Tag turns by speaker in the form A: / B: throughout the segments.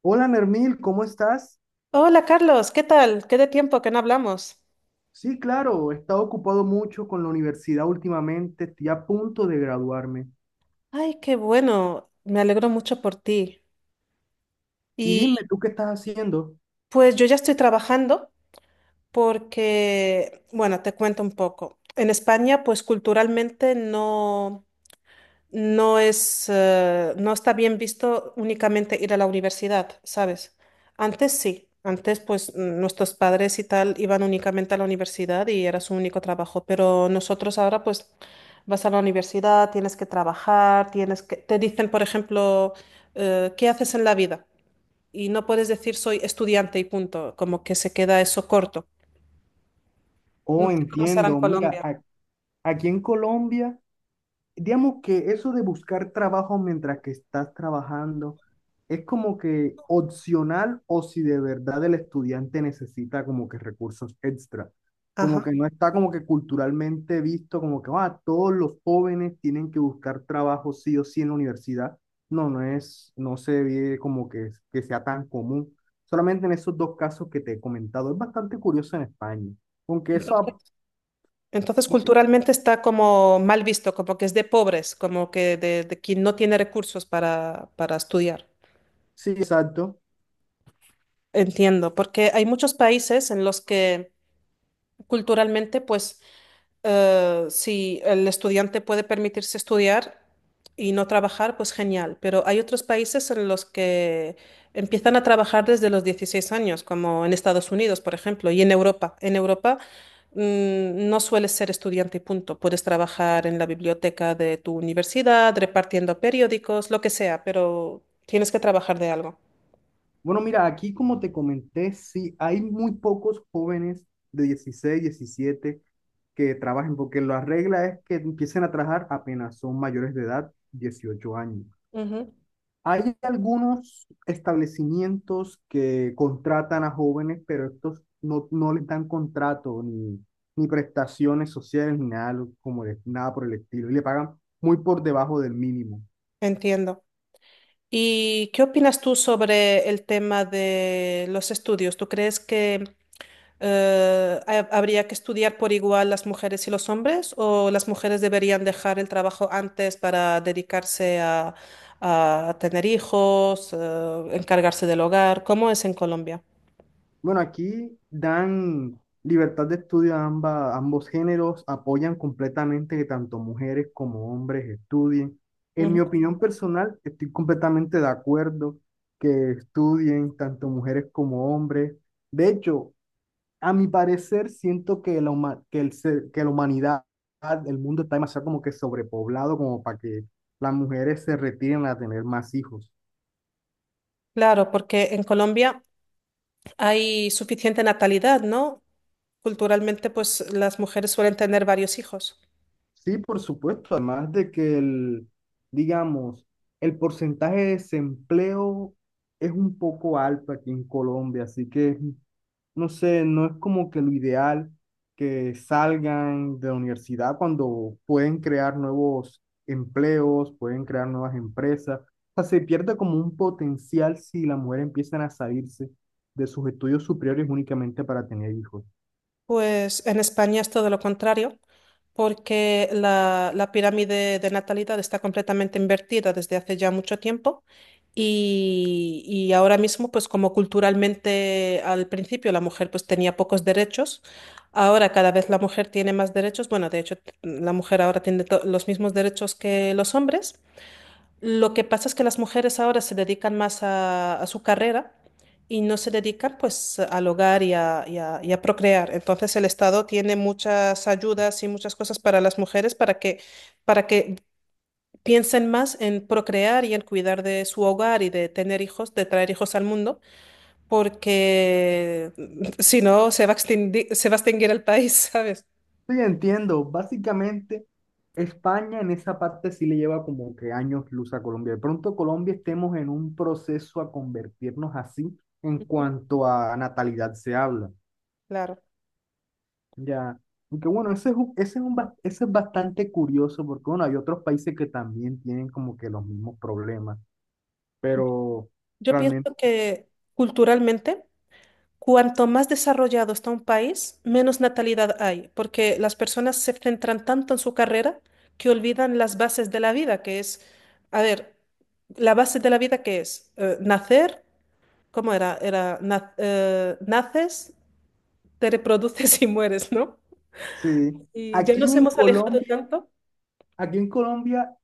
A: Hola Nermil, ¿cómo estás?
B: Hola Carlos, ¿qué tal? Qué de tiempo que no hablamos.
A: Sí, claro, he estado ocupado mucho con la universidad últimamente, estoy a punto de graduarme.
B: Ay, qué bueno, me alegro mucho por ti.
A: Y dime,
B: Y
A: ¿tú qué estás haciendo?
B: pues yo ya estoy trabajando porque, bueno, te cuento un poco. En España, pues culturalmente no, no es, no está bien visto únicamente ir a la universidad, ¿sabes? Antes sí, antes pues nuestros padres y tal iban únicamente a la universidad y era su único trabajo, pero nosotros ahora pues vas a la universidad, tienes que trabajar, te dicen, por ejemplo, ¿qué haces en la vida? Y no puedes decir soy estudiante y punto, como que se queda eso corto. No
A: Oh,
B: sé cómo será en
A: entiendo, mira,
B: Colombia.
A: aquí en Colombia digamos que eso de buscar trabajo mientras que estás trabajando es como que opcional o si de verdad el estudiante necesita como que recursos extra. Como
B: Ajá.
A: que no está como que culturalmente visto como que todos los jóvenes tienen que buscar trabajo sí o sí en la universidad. No, no se ve como que sea tan común. Solamente en esos dos casos que te he comentado. Es bastante curioso en España. Aunque eso,
B: Entonces, culturalmente está como mal visto, como que es de pobres, como que de, quien no tiene recursos para, estudiar.
A: sí, exacto.
B: Entiendo, porque hay muchos países en los que culturalmente, pues, si el estudiante puede permitirse estudiar y no trabajar, pues genial. Pero hay otros países en los que empiezan a trabajar desde los 16 años, como en Estados Unidos, por ejemplo, y en Europa. En Europa, no sueles ser estudiante y punto. Puedes trabajar en la biblioteca de tu universidad, repartiendo periódicos, lo que sea, pero tienes que trabajar de algo.
A: Bueno, mira, aquí como te comenté, sí, hay muy pocos jóvenes de 16, 17 que trabajen, porque la regla es que empiecen a trabajar apenas son mayores de edad, 18 años.
B: Ujú.
A: Hay algunos establecimientos que contratan a jóvenes, pero estos no les dan contrato ni prestaciones sociales ni nada, nada por el estilo, y le pagan muy por debajo del mínimo.
B: Entiendo. ¿Y qué opinas tú sobre el tema de los estudios? ¿Tú crees que habría que estudiar por igual las mujeres y los hombres, o las mujeres deberían dejar el trabajo antes para dedicarse a, tener hijos, encargarse del hogar? ¿Cómo es en Colombia?
A: Bueno, aquí dan libertad de estudio a ambos géneros, apoyan completamente que tanto mujeres como hombres estudien. En
B: Ujú.
A: mi opinión personal, estoy completamente de acuerdo que estudien tanto mujeres como hombres. De hecho, a mi parecer, siento que la, huma- que el ser- que la humanidad, el mundo está demasiado como que sobrepoblado como para que las mujeres se retiren a tener más hijos.
B: Claro, porque en Colombia hay suficiente natalidad, ¿no? Culturalmente, pues las mujeres suelen tener varios hijos.
A: Sí, por supuesto, además de que el, digamos, el porcentaje de desempleo es un poco alto aquí en Colombia, así que, no sé, no es como que lo ideal que salgan de la universidad cuando pueden crear nuevos empleos, pueden crear nuevas empresas. O sea, se pierde como un potencial si las mujeres empiezan a salirse de sus estudios superiores únicamente para tener hijos.
B: Pues en España es todo lo contrario, porque la pirámide de natalidad está completamente invertida desde hace ya mucho tiempo y, ahora mismo, pues como culturalmente al principio la mujer pues tenía pocos derechos, ahora cada vez la mujer tiene más derechos. Bueno, de hecho, la mujer ahora tiene los mismos derechos que los hombres. Lo que pasa es que las mujeres ahora se dedican más a, su carrera y no se dedican pues al hogar y a, y a procrear. Entonces el Estado tiene muchas ayudas y muchas cosas para las mujeres para que, para que piensen más en procrear y en cuidar de su hogar y de tener hijos, de traer hijos al mundo, porque si no se va a extinguir, se va a extinguir el país, ¿sabes?
A: Sí, entiendo. Básicamente, España en esa parte sí le lleva como que años luz a Colombia. De pronto Colombia estemos en un proceso a convertirnos así en
B: Ujú.
A: cuanto a natalidad se habla.
B: Claro.
A: Ya. Aunque bueno, ese es, un bas- ese es bastante curioso porque bueno, hay otros países que también tienen como que los mismos problemas. Pero
B: Yo pienso
A: realmente,
B: que, culturalmente, cuanto más desarrollado está un país, menos natalidad hay, porque las personas se centran tanto en su carrera que olvidan las bases de la vida, que es, a ver, la base de la vida, que es nacer. ¿Cómo era? Era naces, te reproduces y mueres, ¿no?
A: sí.
B: Y ya
A: Aquí
B: nos
A: en
B: hemos alejado
A: Colombia,
B: tanto.
A: aquí en Colombia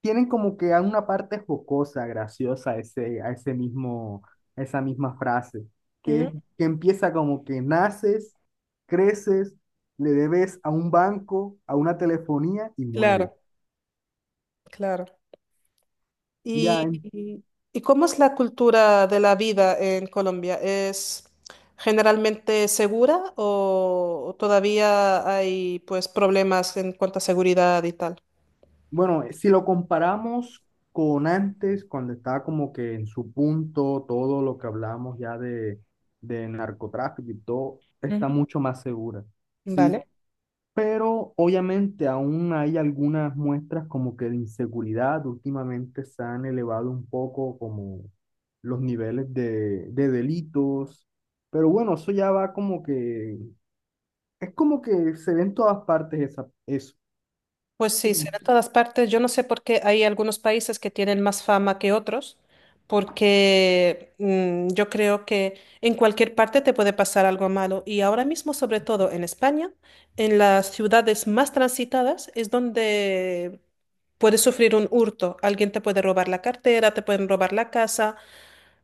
A: tienen como que una parte jocosa, graciosa, a esa misma frase, que, es-
B: Ujú.
A: que empieza como que naces, creces, le debes a un banco, a una telefonía y mueres.
B: Claro, claro.
A: Ya,
B: ¿Y, y cómo es la cultura de la vida en Colombia? ¿Es generalmente segura, o todavía hay pues problemas en cuanto a seguridad y tal?
A: bueno, si lo comparamos con antes, cuando estaba como que en su punto, todo lo que hablamos ya de, narcotráfico y todo, está
B: Ujú.
A: mucho más segura. Sí,
B: Vale.
A: pero obviamente aún hay algunas muestras como que de inseguridad. Últimamente se han elevado un poco como los niveles de, delitos. Pero bueno, eso ya va como que, es como que se ve en todas partes esa, eso.
B: Pues sí, será en todas partes. Yo no sé por qué hay algunos países que tienen más fama que otros, porque yo creo que en cualquier parte te puede pasar algo malo. Y ahora mismo, sobre todo en España, en las ciudades más transitadas es donde puedes sufrir un hurto. Alguien te puede robar la cartera, te pueden robar la casa,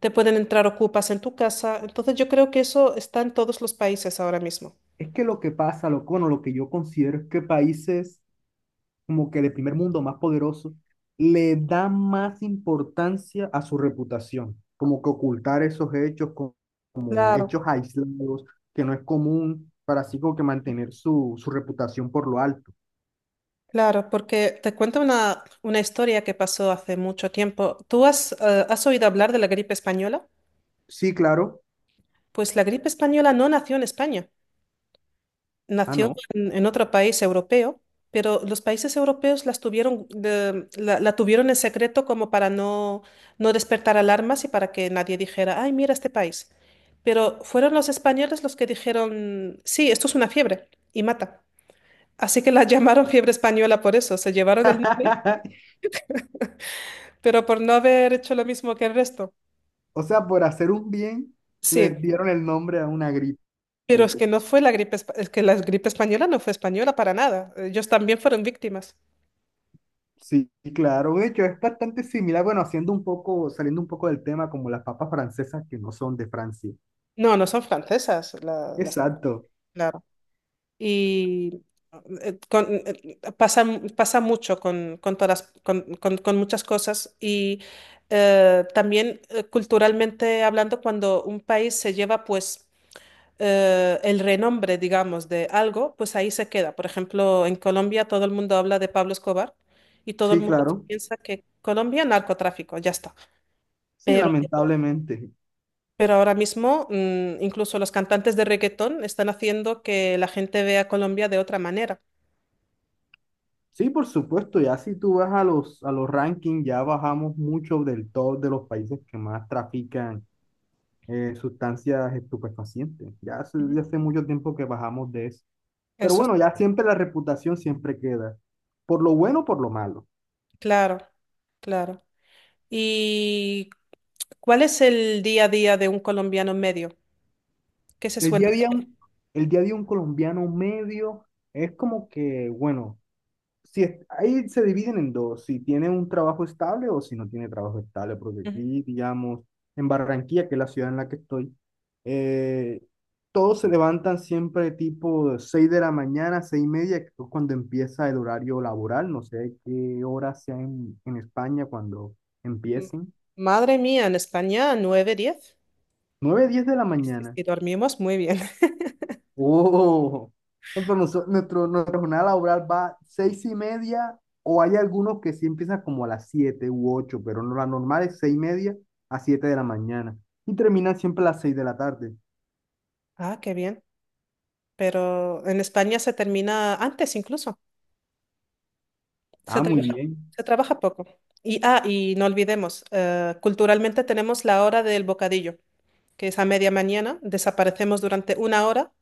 B: te pueden entrar ocupas en tu casa. Entonces yo creo que eso está en todos los países ahora mismo.
A: Es que lo que pasa, bueno, lo que yo considero es que países como que de primer mundo más poderosos le dan más importancia a su reputación, como que ocultar esos hechos como con hechos
B: Claro.
A: aislados, que no es común, para así como que mantener su, su reputación por lo alto.
B: Claro, porque te cuento una historia que pasó hace mucho tiempo. ¿Tú has, has oído hablar de la gripe española?
A: Sí, claro.
B: Pues la gripe española no nació en España,
A: Ah,
B: nació
A: no.
B: en, otro país europeo, pero los países europeos las tuvieron, la tuvieron en secreto como para no, no despertar alarmas y para que nadie dijera, ay, mira este país. Pero fueron los españoles los que dijeron, sí, esto es una fiebre y mata. Así que la llamaron fiebre española por eso, se llevaron el. Pero por no haber hecho lo mismo que el resto.
A: O sea, por hacer un bien, les
B: Sí,
A: dieron el nombre a una gripe.
B: pero es que no fue la gripe, es que la gripe española no fue española para nada. Ellos también fueron víctimas.
A: Sí, claro. De hecho, es bastante similar, bueno, saliendo un poco del tema, como las papas francesas que no son de Francia.
B: No, no son francesas,
A: Exacto.
B: claro. Y pasa, mucho con, todas, con muchas cosas. Y también culturalmente hablando, cuando un país se lleva pues el renombre, digamos, de algo, pues ahí se queda. Por ejemplo, en Colombia todo el mundo habla de Pablo Escobar y todo el
A: Sí,
B: mundo
A: claro.
B: piensa que Colombia narcotráfico, ya está.
A: Sí,
B: Pero,
A: lamentablemente.
B: ahora mismo incluso los cantantes de reggaetón están haciendo que la gente vea a Colombia de otra manera.
A: Sí, por supuesto. Ya si tú vas a los, rankings, ya bajamos mucho del top de los países que más trafican sustancias estupefacientes. Ya hace,
B: Ujú.
A: ya hace mucho tiempo que bajamos de eso. Pero
B: Eso es
A: bueno, ya siempre la reputación siempre queda, por lo bueno o por lo malo.
B: claro, claro. ¿Y cuál es el día a día de un colombiano medio? ¿Qué se
A: El
B: suele
A: día a día,
B: hacer?
A: un- el día a día un colombiano medio es como que, bueno, si es- ahí se dividen en dos, si tiene un trabajo estable o si no tiene trabajo estable, porque
B: Ujú.
A: aquí, digamos, en Barranquilla, que es la ciudad en la que estoy, eh, todos se levantan siempre tipo 6 de la mañana, 6:30, que es cuando empieza el horario laboral, no sé qué hora sea en España cuando
B: Mm,
A: empiecen,
B: Madre mía, en España 9-10.
A: 9 10 de la
B: Sí, sí,
A: mañana.
B: sí, dormimos muy bien.
A: Uh, pero nuestro, nuestra jornada laboral va 6:30, o hay algunos que sí empiezan como a las 7 u 8, pero no, la normal es 6:30 a 7 de la mañana y terminan siempre a las 6 de la tarde.
B: Ah, qué bien. Pero en España se termina antes incluso. Se
A: Ah, muy
B: trabaja,
A: bien.
B: se trabaja poco. Y, ah, y no olvidemos, culturalmente tenemos la hora del bocadillo, que es a media mañana. Desaparecemos durante una hora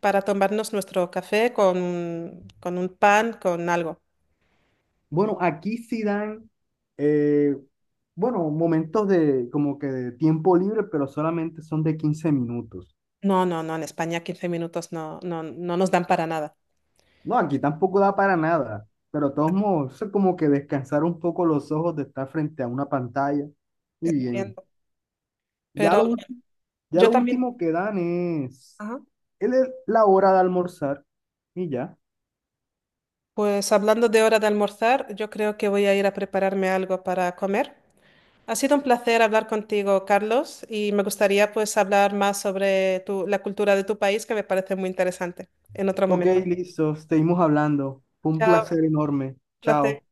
B: para tomarnos nuestro café con, un pan, con algo.
A: Bueno, aquí sí dan, eh, bueno, momentos de como que de tiempo libre, pero solamente son de 15 minutos.
B: No, no, no, en España 15 minutos no, no, no nos dan para nada.
A: No, aquí tampoco da para nada, pero de todos modos, eso es como que descansar un poco los ojos de estar frente a una pantalla y bien.
B: Entiendo.
A: Ya
B: Pero
A: lo, ul- ya
B: yo
A: lo
B: también,
A: último que dan es
B: ajá.
A: la hora de almorzar y ya.
B: Pues hablando de hora de almorzar, yo creo que voy a ir a prepararme algo para comer. Ha sido un placer hablar contigo, Carlos, y me gustaría pues hablar más sobre la cultura de tu país, que me parece muy interesante. En otro
A: Ok,
B: momento.
A: listo, seguimos hablando. Fue un
B: Chao,
A: placer enorme.
B: placer.
A: Chao.